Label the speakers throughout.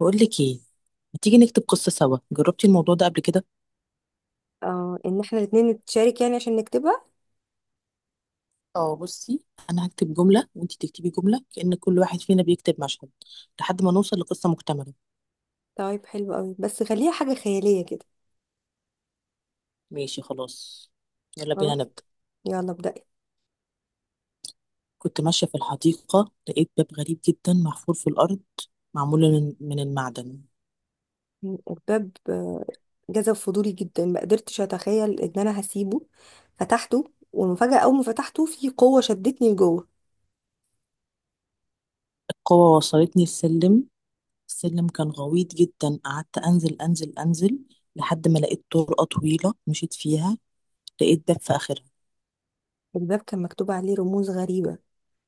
Speaker 1: بقول لك ايه؟ ما تيجي نكتب قصة سوا؟ جربتي الموضوع ده قبل كده؟
Speaker 2: اه، ان احنا الاتنين نتشارك يعني عشان نكتبها.
Speaker 1: اه، بصي. انا هكتب جملة وانتي تكتبي جملة، كأن كل واحد فينا بيكتب مشهد لحد ما نوصل لقصة مكتملة.
Speaker 2: طيب حلو قوي، بس خليها حاجة خيالية كده.
Speaker 1: ماشي خلاص. يلا بينا
Speaker 2: خلاص،
Speaker 1: نبدأ.
Speaker 2: يلا ابدأي.
Speaker 1: كنت ماشية في الحديقة، لقيت باب غريب جدا محفور في الأرض، معمول من المعدن.
Speaker 2: الباب جذب فضولي جدا، ما قدرتش اتخيل ان انا هسيبه. فتحته، ومفاجأة اول ما فتحته في قوة شدتني لجوه.
Speaker 1: القوة وصلتني السلم. السلم كان غويط جدا، قعدت أنزل أنزل أنزل لحد ما لقيت طرقة طويلة مشيت فيها. لقيت باب في آخرها.
Speaker 2: الباب كان مكتوب عليه رموز غريبة،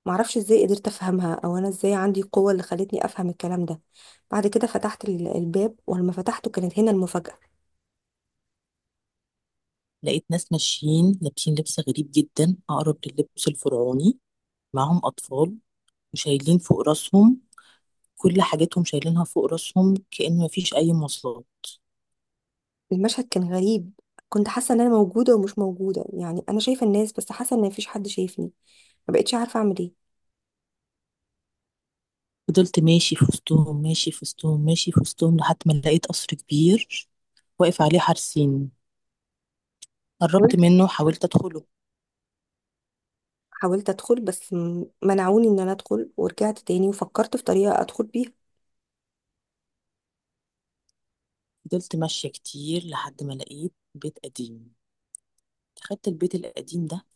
Speaker 2: معرفش ازاي قدرت افهمها او انا ازاي عندي القوة اللي خلتني افهم الكلام ده. بعد كده فتحت الباب، ولما فتحته كانت هنا المفاجأة.
Speaker 1: لقيت ناس ماشيين لابسين لبس غريب جدا، أقرب للبس الفرعوني. معاهم أطفال، وشايلين فوق راسهم. كل حاجتهم شايلينها فوق راسهم، كأن مفيش أي مواصلات.
Speaker 2: المشهد كان غريب، كنت حاسه ان انا موجوده ومش موجوده، يعني انا شايفه الناس بس حاسه ان مفيش حد شايفني. ما بقتش عارفه اعمل ايه.
Speaker 1: فضلت ماشي في وسطهم ماشي في وسطهم ماشي في وسطهم لحد ما لقيت قصر كبير واقف عليه حارسين. قربت
Speaker 2: حاولت
Speaker 1: منه، حاولت أدخله.
Speaker 2: حاولت ادخل بس منعوني ان انا ادخل، ورجعت تاني وفكرت في طريقه ادخل بيها.
Speaker 1: فضلت ماشية كتير لحد ما لقيت بيت قديم. دخلت البيت القديم ده،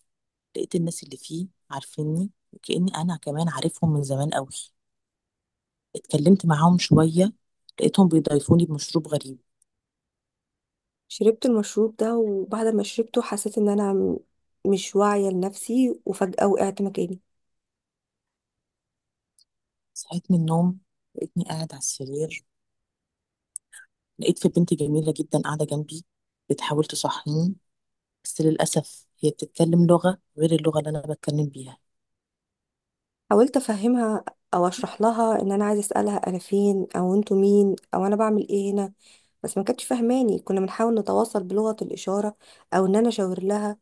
Speaker 1: لقيت الناس اللي فيه عارفيني وكأني أنا كمان عارفهم من زمان أوي. اتكلمت معاهم شوية، لقيتهم بيضايفوني بمشروب غريب.
Speaker 2: شربت المشروب ده وبعد ما شربته حسيت ان انا مش واعيه لنفسي، وفجاه وقعت مكاني.
Speaker 1: صحيت من النوم، لقيتني قاعد على السرير، لقيت في بنت جميلة جدا قاعدة جنبي بتحاول تصحيني، بس للأسف هي بتتكلم لغة غير اللغة اللي أنا بتكلم بيها.
Speaker 2: حاولت افهمها او اشرح لها ان انا عايزه اسالها انا فين، او انتوا مين، او انا بعمل ايه هنا، بس ما كانتش فاهماني. كنا بنحاول نتواصل بلغه الاشاره او ان انا اشاور لها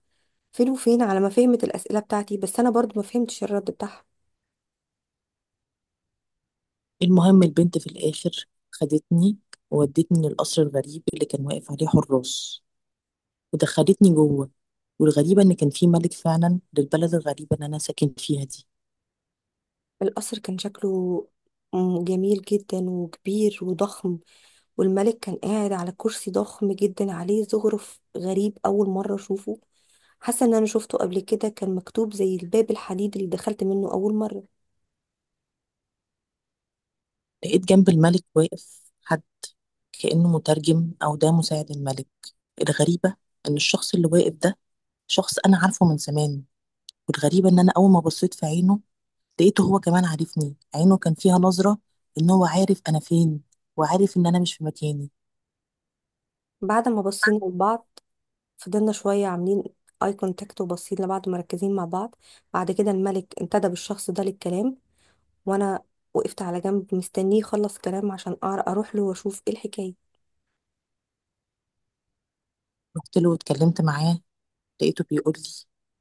Speaker 2: فين وفين، على ما فهمت الأسئلة بتاعتي بس أنا برضو ما فهمتش الرد بتاعها.
Speaker 1: المهم البنت في الآخر خدتني وودتني للقصر الغريب اللي كان واقف عليه حراس، ودخلتني جوه. والغريبة إن كان في ملك فعلا للبلد الغريبة اللي أنا ساكن فيها دي.
Speaker 2: القصر كان شكله جميل جدا وكبير وضخم، والملك كان قاعد على كرسي ضخم جدا عليه زخرف غريب أول مرة أشوفه. حاسة إن أنا شفته قبل كده، كان مكتوب زي الباب الحديد اللي دخلت منه أول مرة.
Speaker 1: لقيت جنب الملك واقف حد، كأنه مترجم أو ده مساعد الملك. الغريبة إن الشخص اللي واقف ده، شخص أنا عارفه من زمان. والغريبة إن أنا أول ما بصيت في عينه، لقيته هو كمان عارفني. عينه كان فيها نظرة إن هو عارف أنا فين، وعارف إن أنا مش في مكاني.
Speaker 2: بعد ما بصينا لبعض فضلنا شوية عاملين اي كونتاكت وباصين لبعض مركزين مع بعض. بعد كده الملك انتدب الشخص ده للكلام، وانا وقفت على جنب مستنيه يخلص كلام عشان أعرف اروح له واشوف ايه الحكايه.
Speaker 1: رحت له واتكلمت معاه، لقيته بيقول لي: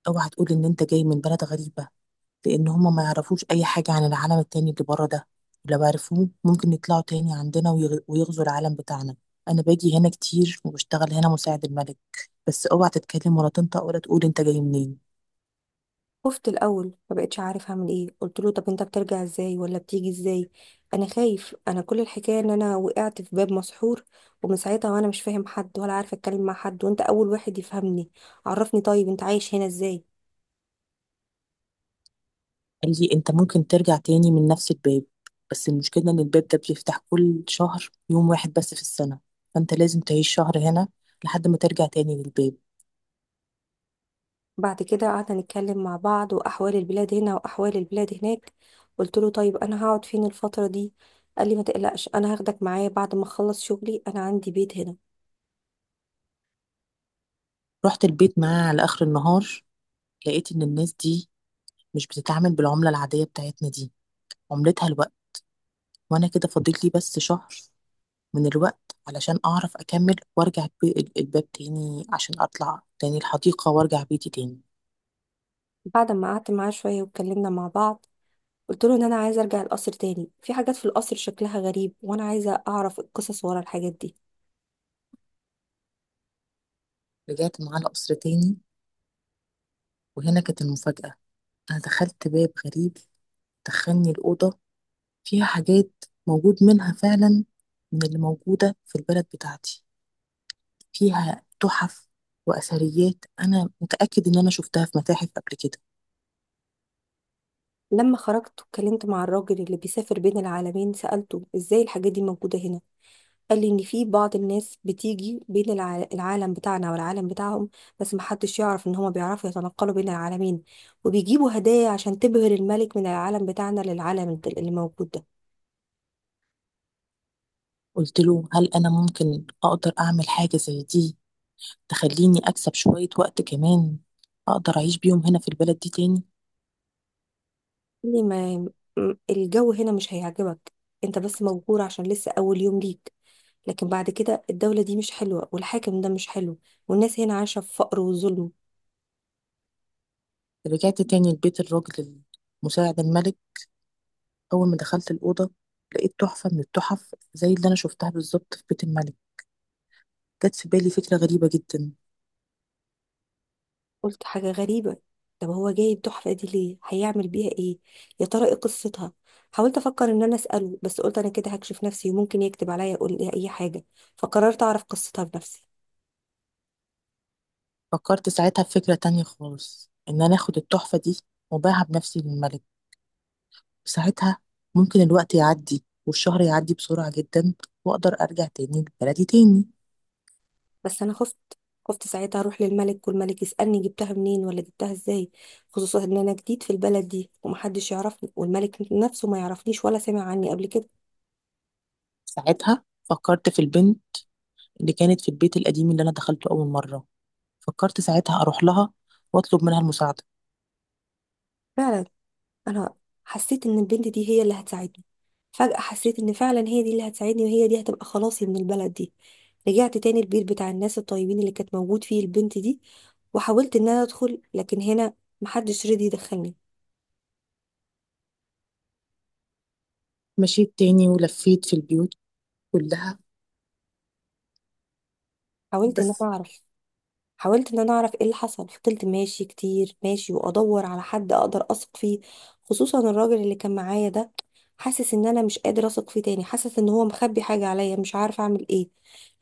Speaker 1: أوعى تقول إن أنت جاي من بلد غريبة، لان هم ما يعرفوش اي حاجه عن العالم التاني اللي بره ده. لو عرفوه ممكن يطلعوا تاني عندنا ويغزوا العالم بتاعنا. انا باجي هنا كتير وبشتغل هنا مساعد الملك، بس اوعى تتكلم ولا تنطق ولا تقول انت جاي منين.
Speaker 2: خفت الاول، ما بقتش عارف اعمل ايه. قلت له طب انت بترجع ازاي ولا بتيجي ازاي؟ انا خايف، انا كل الحكايه ان انا وقعت في باب مسحور، ومن ساعتها وانا مش فاهم حد ولا عارفه اتكلم مع حد، وانت اول واحد يفهمني. عرفني، طيب انت عايش هنا ازاي؟
Speaker 1: قال لي: انت ممكن ترجع تاني من نفس الباب، بس المشكله ان الباب ده بيفتح كل شهر يوم واحد بس في السنه، فانت لازم تعيش شهر هنا لحد ما ترجع تاني للباب.
Speaker 2: بعد كده قعدنا نتكلم مع بعض، واحوال البلاد هنا واحوال البلاد هناك. قلت له طيب انا هقعد فين الفتره دي؟ قال لي ما تقلقش، انا هاخدك معايا بعد ما اخلص شغلي، انا عندي بيت هنا.
Speaker 1: رحت البيت معاه على اخر النهار. لقيت ان الناس دي مش بتتعامل بالعمله العاديه بتاعتنا دي. عملتها الوقت، وانا كده فاضل لي بس شهر من الوقت علشان اعرف اكمل وارجع الباب تاني عشان اطلع تاني الحديقة وارجع بيتي تاني.
Speaker 2: بعد ما قعدت معاه شوية واتكلمنا مع بعض، قلت له ان انا عايزة ارجع القصر تاني، في حاجات في القصر شكلها غريب وانا عايزة اعرف القصص ورا الحاجات دي.
Speaker 1: رجعت معاه القصر تاني، وهنا كانت المفاجأة. انا دخلت باب غريب، دخلني الأوضة، فيها حاجات موجود منها فعلا من اللي موجودة في البلد بتاعتي. فيها تحف وأثريات أنا متأكد إن أنا شفتها في متاحف قبل كده.
Speaker 2: لما خرجت واتكلمت مع الراجل اللي بيسافر بين العالمين، سألته ازاي الحاجات دي موجودة هنا. قال لي ان في بعض الناس بتيجي بين العالم بتاعنا والعالم بتاعهم، بس محدش يعرف ان هما بيعرفوا يتنقلوا بين العالمين، وبيجيبوا هدايا عشان تبهر الملك من العالم بتاعنا للعالم اللي موجود ده.
Speaker 1: قلت له: هل أنا ممكن أقدر أعمل حاجة زي دي، تخليني أكسب شوية وقت كمان، أقدر أعيش بيهم هنا في البلد دي تاني؟
Speaker 2: لي ما الجو هنا مش هيعجبك، انت بس مبهور عشان لسه اول يوم ليك، لكن بعد كده الدولة دي مش حلوة والحاكم ده مش حلو، والناس هنا عايشة في فقر وظلم.
Speaker 1: رجعت تاني لبيت الراجل، مساعد الملك. أول ما دخلت الأوضة لقيت تحفة من التحف زي اللي أنا شفتها بالظبط في بيت الملك. جت في بالي فكرة غريبة جدا.
Speaker 2: قلت حاجة غريبة، طب هو جايب تحفة دي ليه؟ هيعمل بيها ايه؟ يا ترى ايه قصتها؟ حاولت افكر ان انا اسأله، بس قلت انا كده هكشف نفسي وممكن يكتب عليا يقول لي اي حاجة. فقررت اعرف قصتها بنفسي.
Speaker 1: فكرت ساعتها في فكرة تانية خالص، إن أنا آخد التحفة دي وأبيعها بنفسي للملك. ساعتها ممكن الوقت يعدي والشهر يعدي بسرعة جدا، وأقدر أرجع تاني لبلدي تاني.
Speaker 2: بس انا خفت، خفت ساعتها اروح للملك والملك يسالني جبتها منين ولا جبتها ازاي، خصوصا ان انا جديد في البلد دي ومحدش يعرفني والملك نفسه ما يعرفنيش ولا سمع عني قبل كده.
Speaker 1: ساعتها فكرت في البنت اللي كانت في البيت القديم اللي أنا دخلته أول مرة. فكرت ساعتها أروح لها وأطلب منها المساعدة.
Speaker 2: فعلا، انا حسيت ان البنت دي هي اللي هتساعدني. فجاه حسيت ان فعلا هي دي اللي هتساعدني، وهي دي هتبقى خلاصي من البلد دي. رجعت تاني البيت بتاع الناس الطيبين اللي كانت موجود فيه البنت دي، وحاولت ان انا ادخل، لكن هنا محدش رضي يدخلني.
Speaker 1: مشيت تاني ولفيت في البيوت كلها.
Speaker 2: حاولت ان
Speaker 1: بس
Speaker 2: انا اعرف. حاولت ان انا اعرف ايه اللي حصل. فضلت ماشي كتير، ماشي وادور على حد اقدر اثق فيه، خصوصا الراجل اللي كان معايا ده، حاسس ان انا مش قادر اثق فيه تاني. حاسس ان هو مخبي حاجة عليا، مش عارفة اعمل ايه.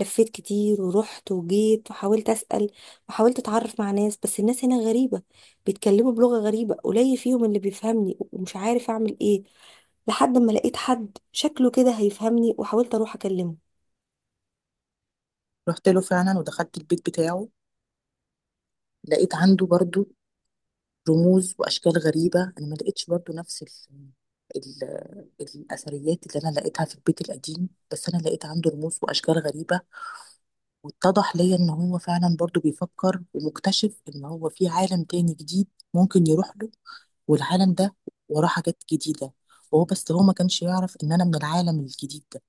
Speaker 2: لفيت كتير ورحت وجيت وحاولت اسأل، وحاولت اتعرف مع ناس، بس الناس هنا غريبة، بيتكلموا بلغة غريبة، قليل فيهم اللي بيفهمني ومش عارف اعمل ايه. لحد ما لقيت حد شكله كده هيفهمني، وحاولت اروح اكلمه.
Speaker 1: رحت له فعلا ودخلت البيت بتاعه، لقيت عنده برضو رموز وأشكال غريبة. أنا ما لقيتش برضو نفس ال... الأثريات اللي أنا لقيتها في البيت القديم، بس أنا لقيت عنده رموز وأشكال غريبة. واتضح ليا إن هو فعلا برضو بيفكر ومكتشف إن هو في عالم تاني جديد ممكن يروح له، والعالم ده وراه حاجات جديدة، وهو بس هو ما كانش يعرف إن أنا من العالم الجديد ده.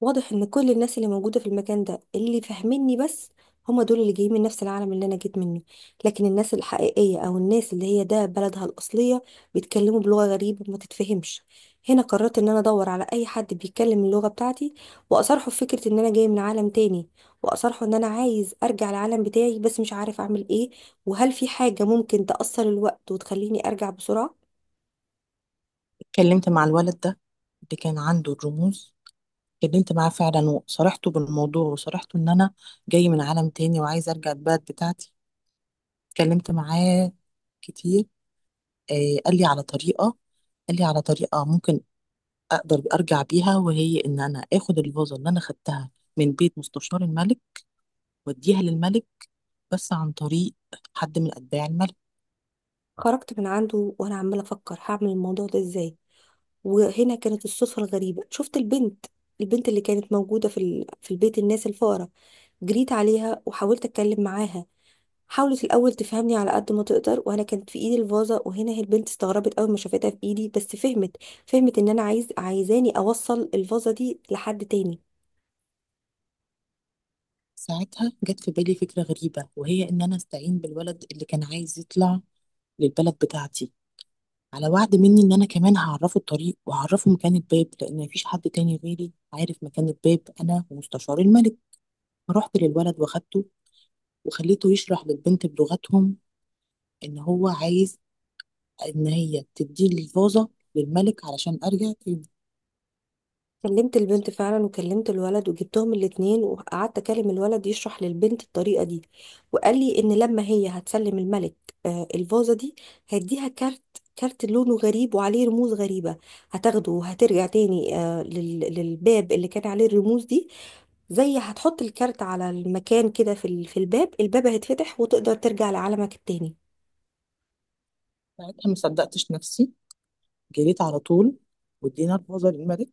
Speaker 2: واضح ان كل الناس اللي موجودة في المكان ده اللي فاهميني، بس هم دول اللي جايين من نفس العالم اللي انا جيت منه. لكن الناس الحقيقية او الناس اللي هي ده بلدها الاصلية بيتكلموا بلغة غريبة ما تتفهمش. هنا قررت ان انا ادور على اي حد بيتكلم اللغة بتاعتي واصارحه في فكرة ان انا جاي من عالم تاني، واصارحه ان انا عايز ارجع العالم بتاعي بس مش عارف اعمل ايه، وهل في حاجة ممكن تأثر الوقت وتخليني ارجع بسرعة.
Speaker 1: اتكلمت مع الولد ده اللي كان عنده الرموز، اتكلمت معاه فعلا وصارحته بالموضوع وصارحته إن أنا جاي من عالم تاني وعايزة أرجع البلد بتاعتي. اتكلمت معاه كتير. آه قال لي على طريقة قال لي على طريقة ممكن أقدر أرجع بيها، وهي إن أنا آخد الفازة اللي أنا خدتها من بيت مستشار الملك وأديها للملك، بس عن طريق حد من أتباع الملك.
Speaker 2: خرجت من عنده وانا عمالة افكر هعمل الموضوع ده ازاي. وهنا كانت الصدفة الغريبة، شفت البنت، البنت اللي كانت موجودة في في البيت الناس الفقراء. جريت عليها وحاولت أتكلم معاها. حاولت الأول تفهمني على قد ما تقدر، وأنا كانت في إيدي الفازة، وهنا هي البنت استغربت أول ما شافتها في إيدي، بس فهمت. فهمت إن أنا عايزاني أوصل الفازة دي لحد تاني.
Speaker 1: ساعتها جت في بالي فكرة غريبة، وهي إن أنا أستعين بالولد اللي كان عايز يطلع للبلد بتاعتي، على وعد مني إن أنا كمان هعرفه الطريق وهعرفه مكان الباب، لأن مفيش حد تاني غيري عارف مكان الباب أنا ومستشار الملك. فرحت للولد وخدته، وخليته يشرح للبنت بلغتهم إن هو عايز إن هي تديه الفازة للملك علشان أرجع تاني.
Speaker 2: كلمت البنت فعلا وكلمت الولد وجبتهم الاتنين وقعدت اكلم الولد يشرح للبنت الطريقة دي. وقال لي ان لما هي هتسلم الملك الفازة دي، هيديها كارت. كارت لونه غريب وعليه رموز غريبة. هتاخده وهترجع تاني للباب اللي كان عليه الرموز دي. زي هتحط الكارت على المكان كده في في الباب، الباب هيتفتح وتقدر ترجع لعالمك التاني.
Speaker 1: ساعتها ما صدقتش نفسي، جريت على طول وادينا الفازة للملك.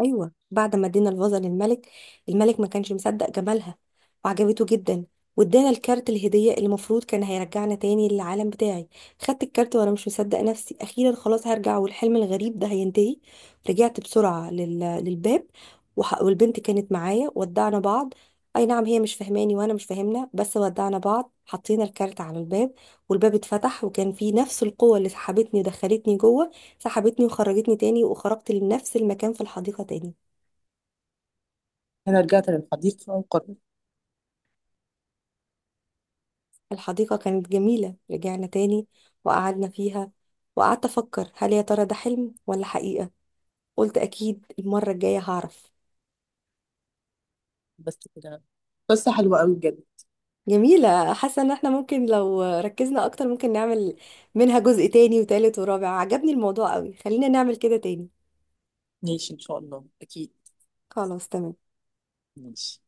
Speaker 2: ايوه، بعد ما ادينا الفازه للملك، الملك ما كانش مصدق جمالها وعجبته جدا، وادانا الكارت الهديه اللي المفروض كان هيرجعنا تاني للعالم بتاعي. خدت الكارت وانا مش مصدق نفسي، اخيرا خلاص هرجع والحلم الغريب ده هينتهي. رجعت بسرعه للباب، والبنت كانت معايا، ودعنا بعض. اي نعم هي مش فاهماني وانا مش فاهمنا، بس ودعنا بعض. حطينا الكارت على الباب، والباب اتفتح وكان فيه نفس القوة اللي سحبتني ودخلتني جوه، سحبتني وخرجتني تاني، وخرجت لنفس المكان في الحديقة تاني.
Speaker 1: أنا رجعت للحديقة وقررت.
Speaker 2: الحديقة كانت جميلة، رجعنا تاني وقعدنا فيها، وقعدت أفكر هل يا ترى ده حلم ولا حقيقة. قلت أكيد المرة الجاية هعرف.
Speaker 1: بس كده. قصة حلوة أوي بجد.
Speaker 2: جميلة، حاسة إن احنا ممكن لو ركزنا أكتر ممكن نعمل منها جزء تاني وتالت ورابع، عجبني الموضوع قوي، خلينا نعمل كده تاني.
Speaker 1: ماشي، ان شاء الله اكيد.
Speaker 2: خلاص تمام.
Speaker 1: ماشي.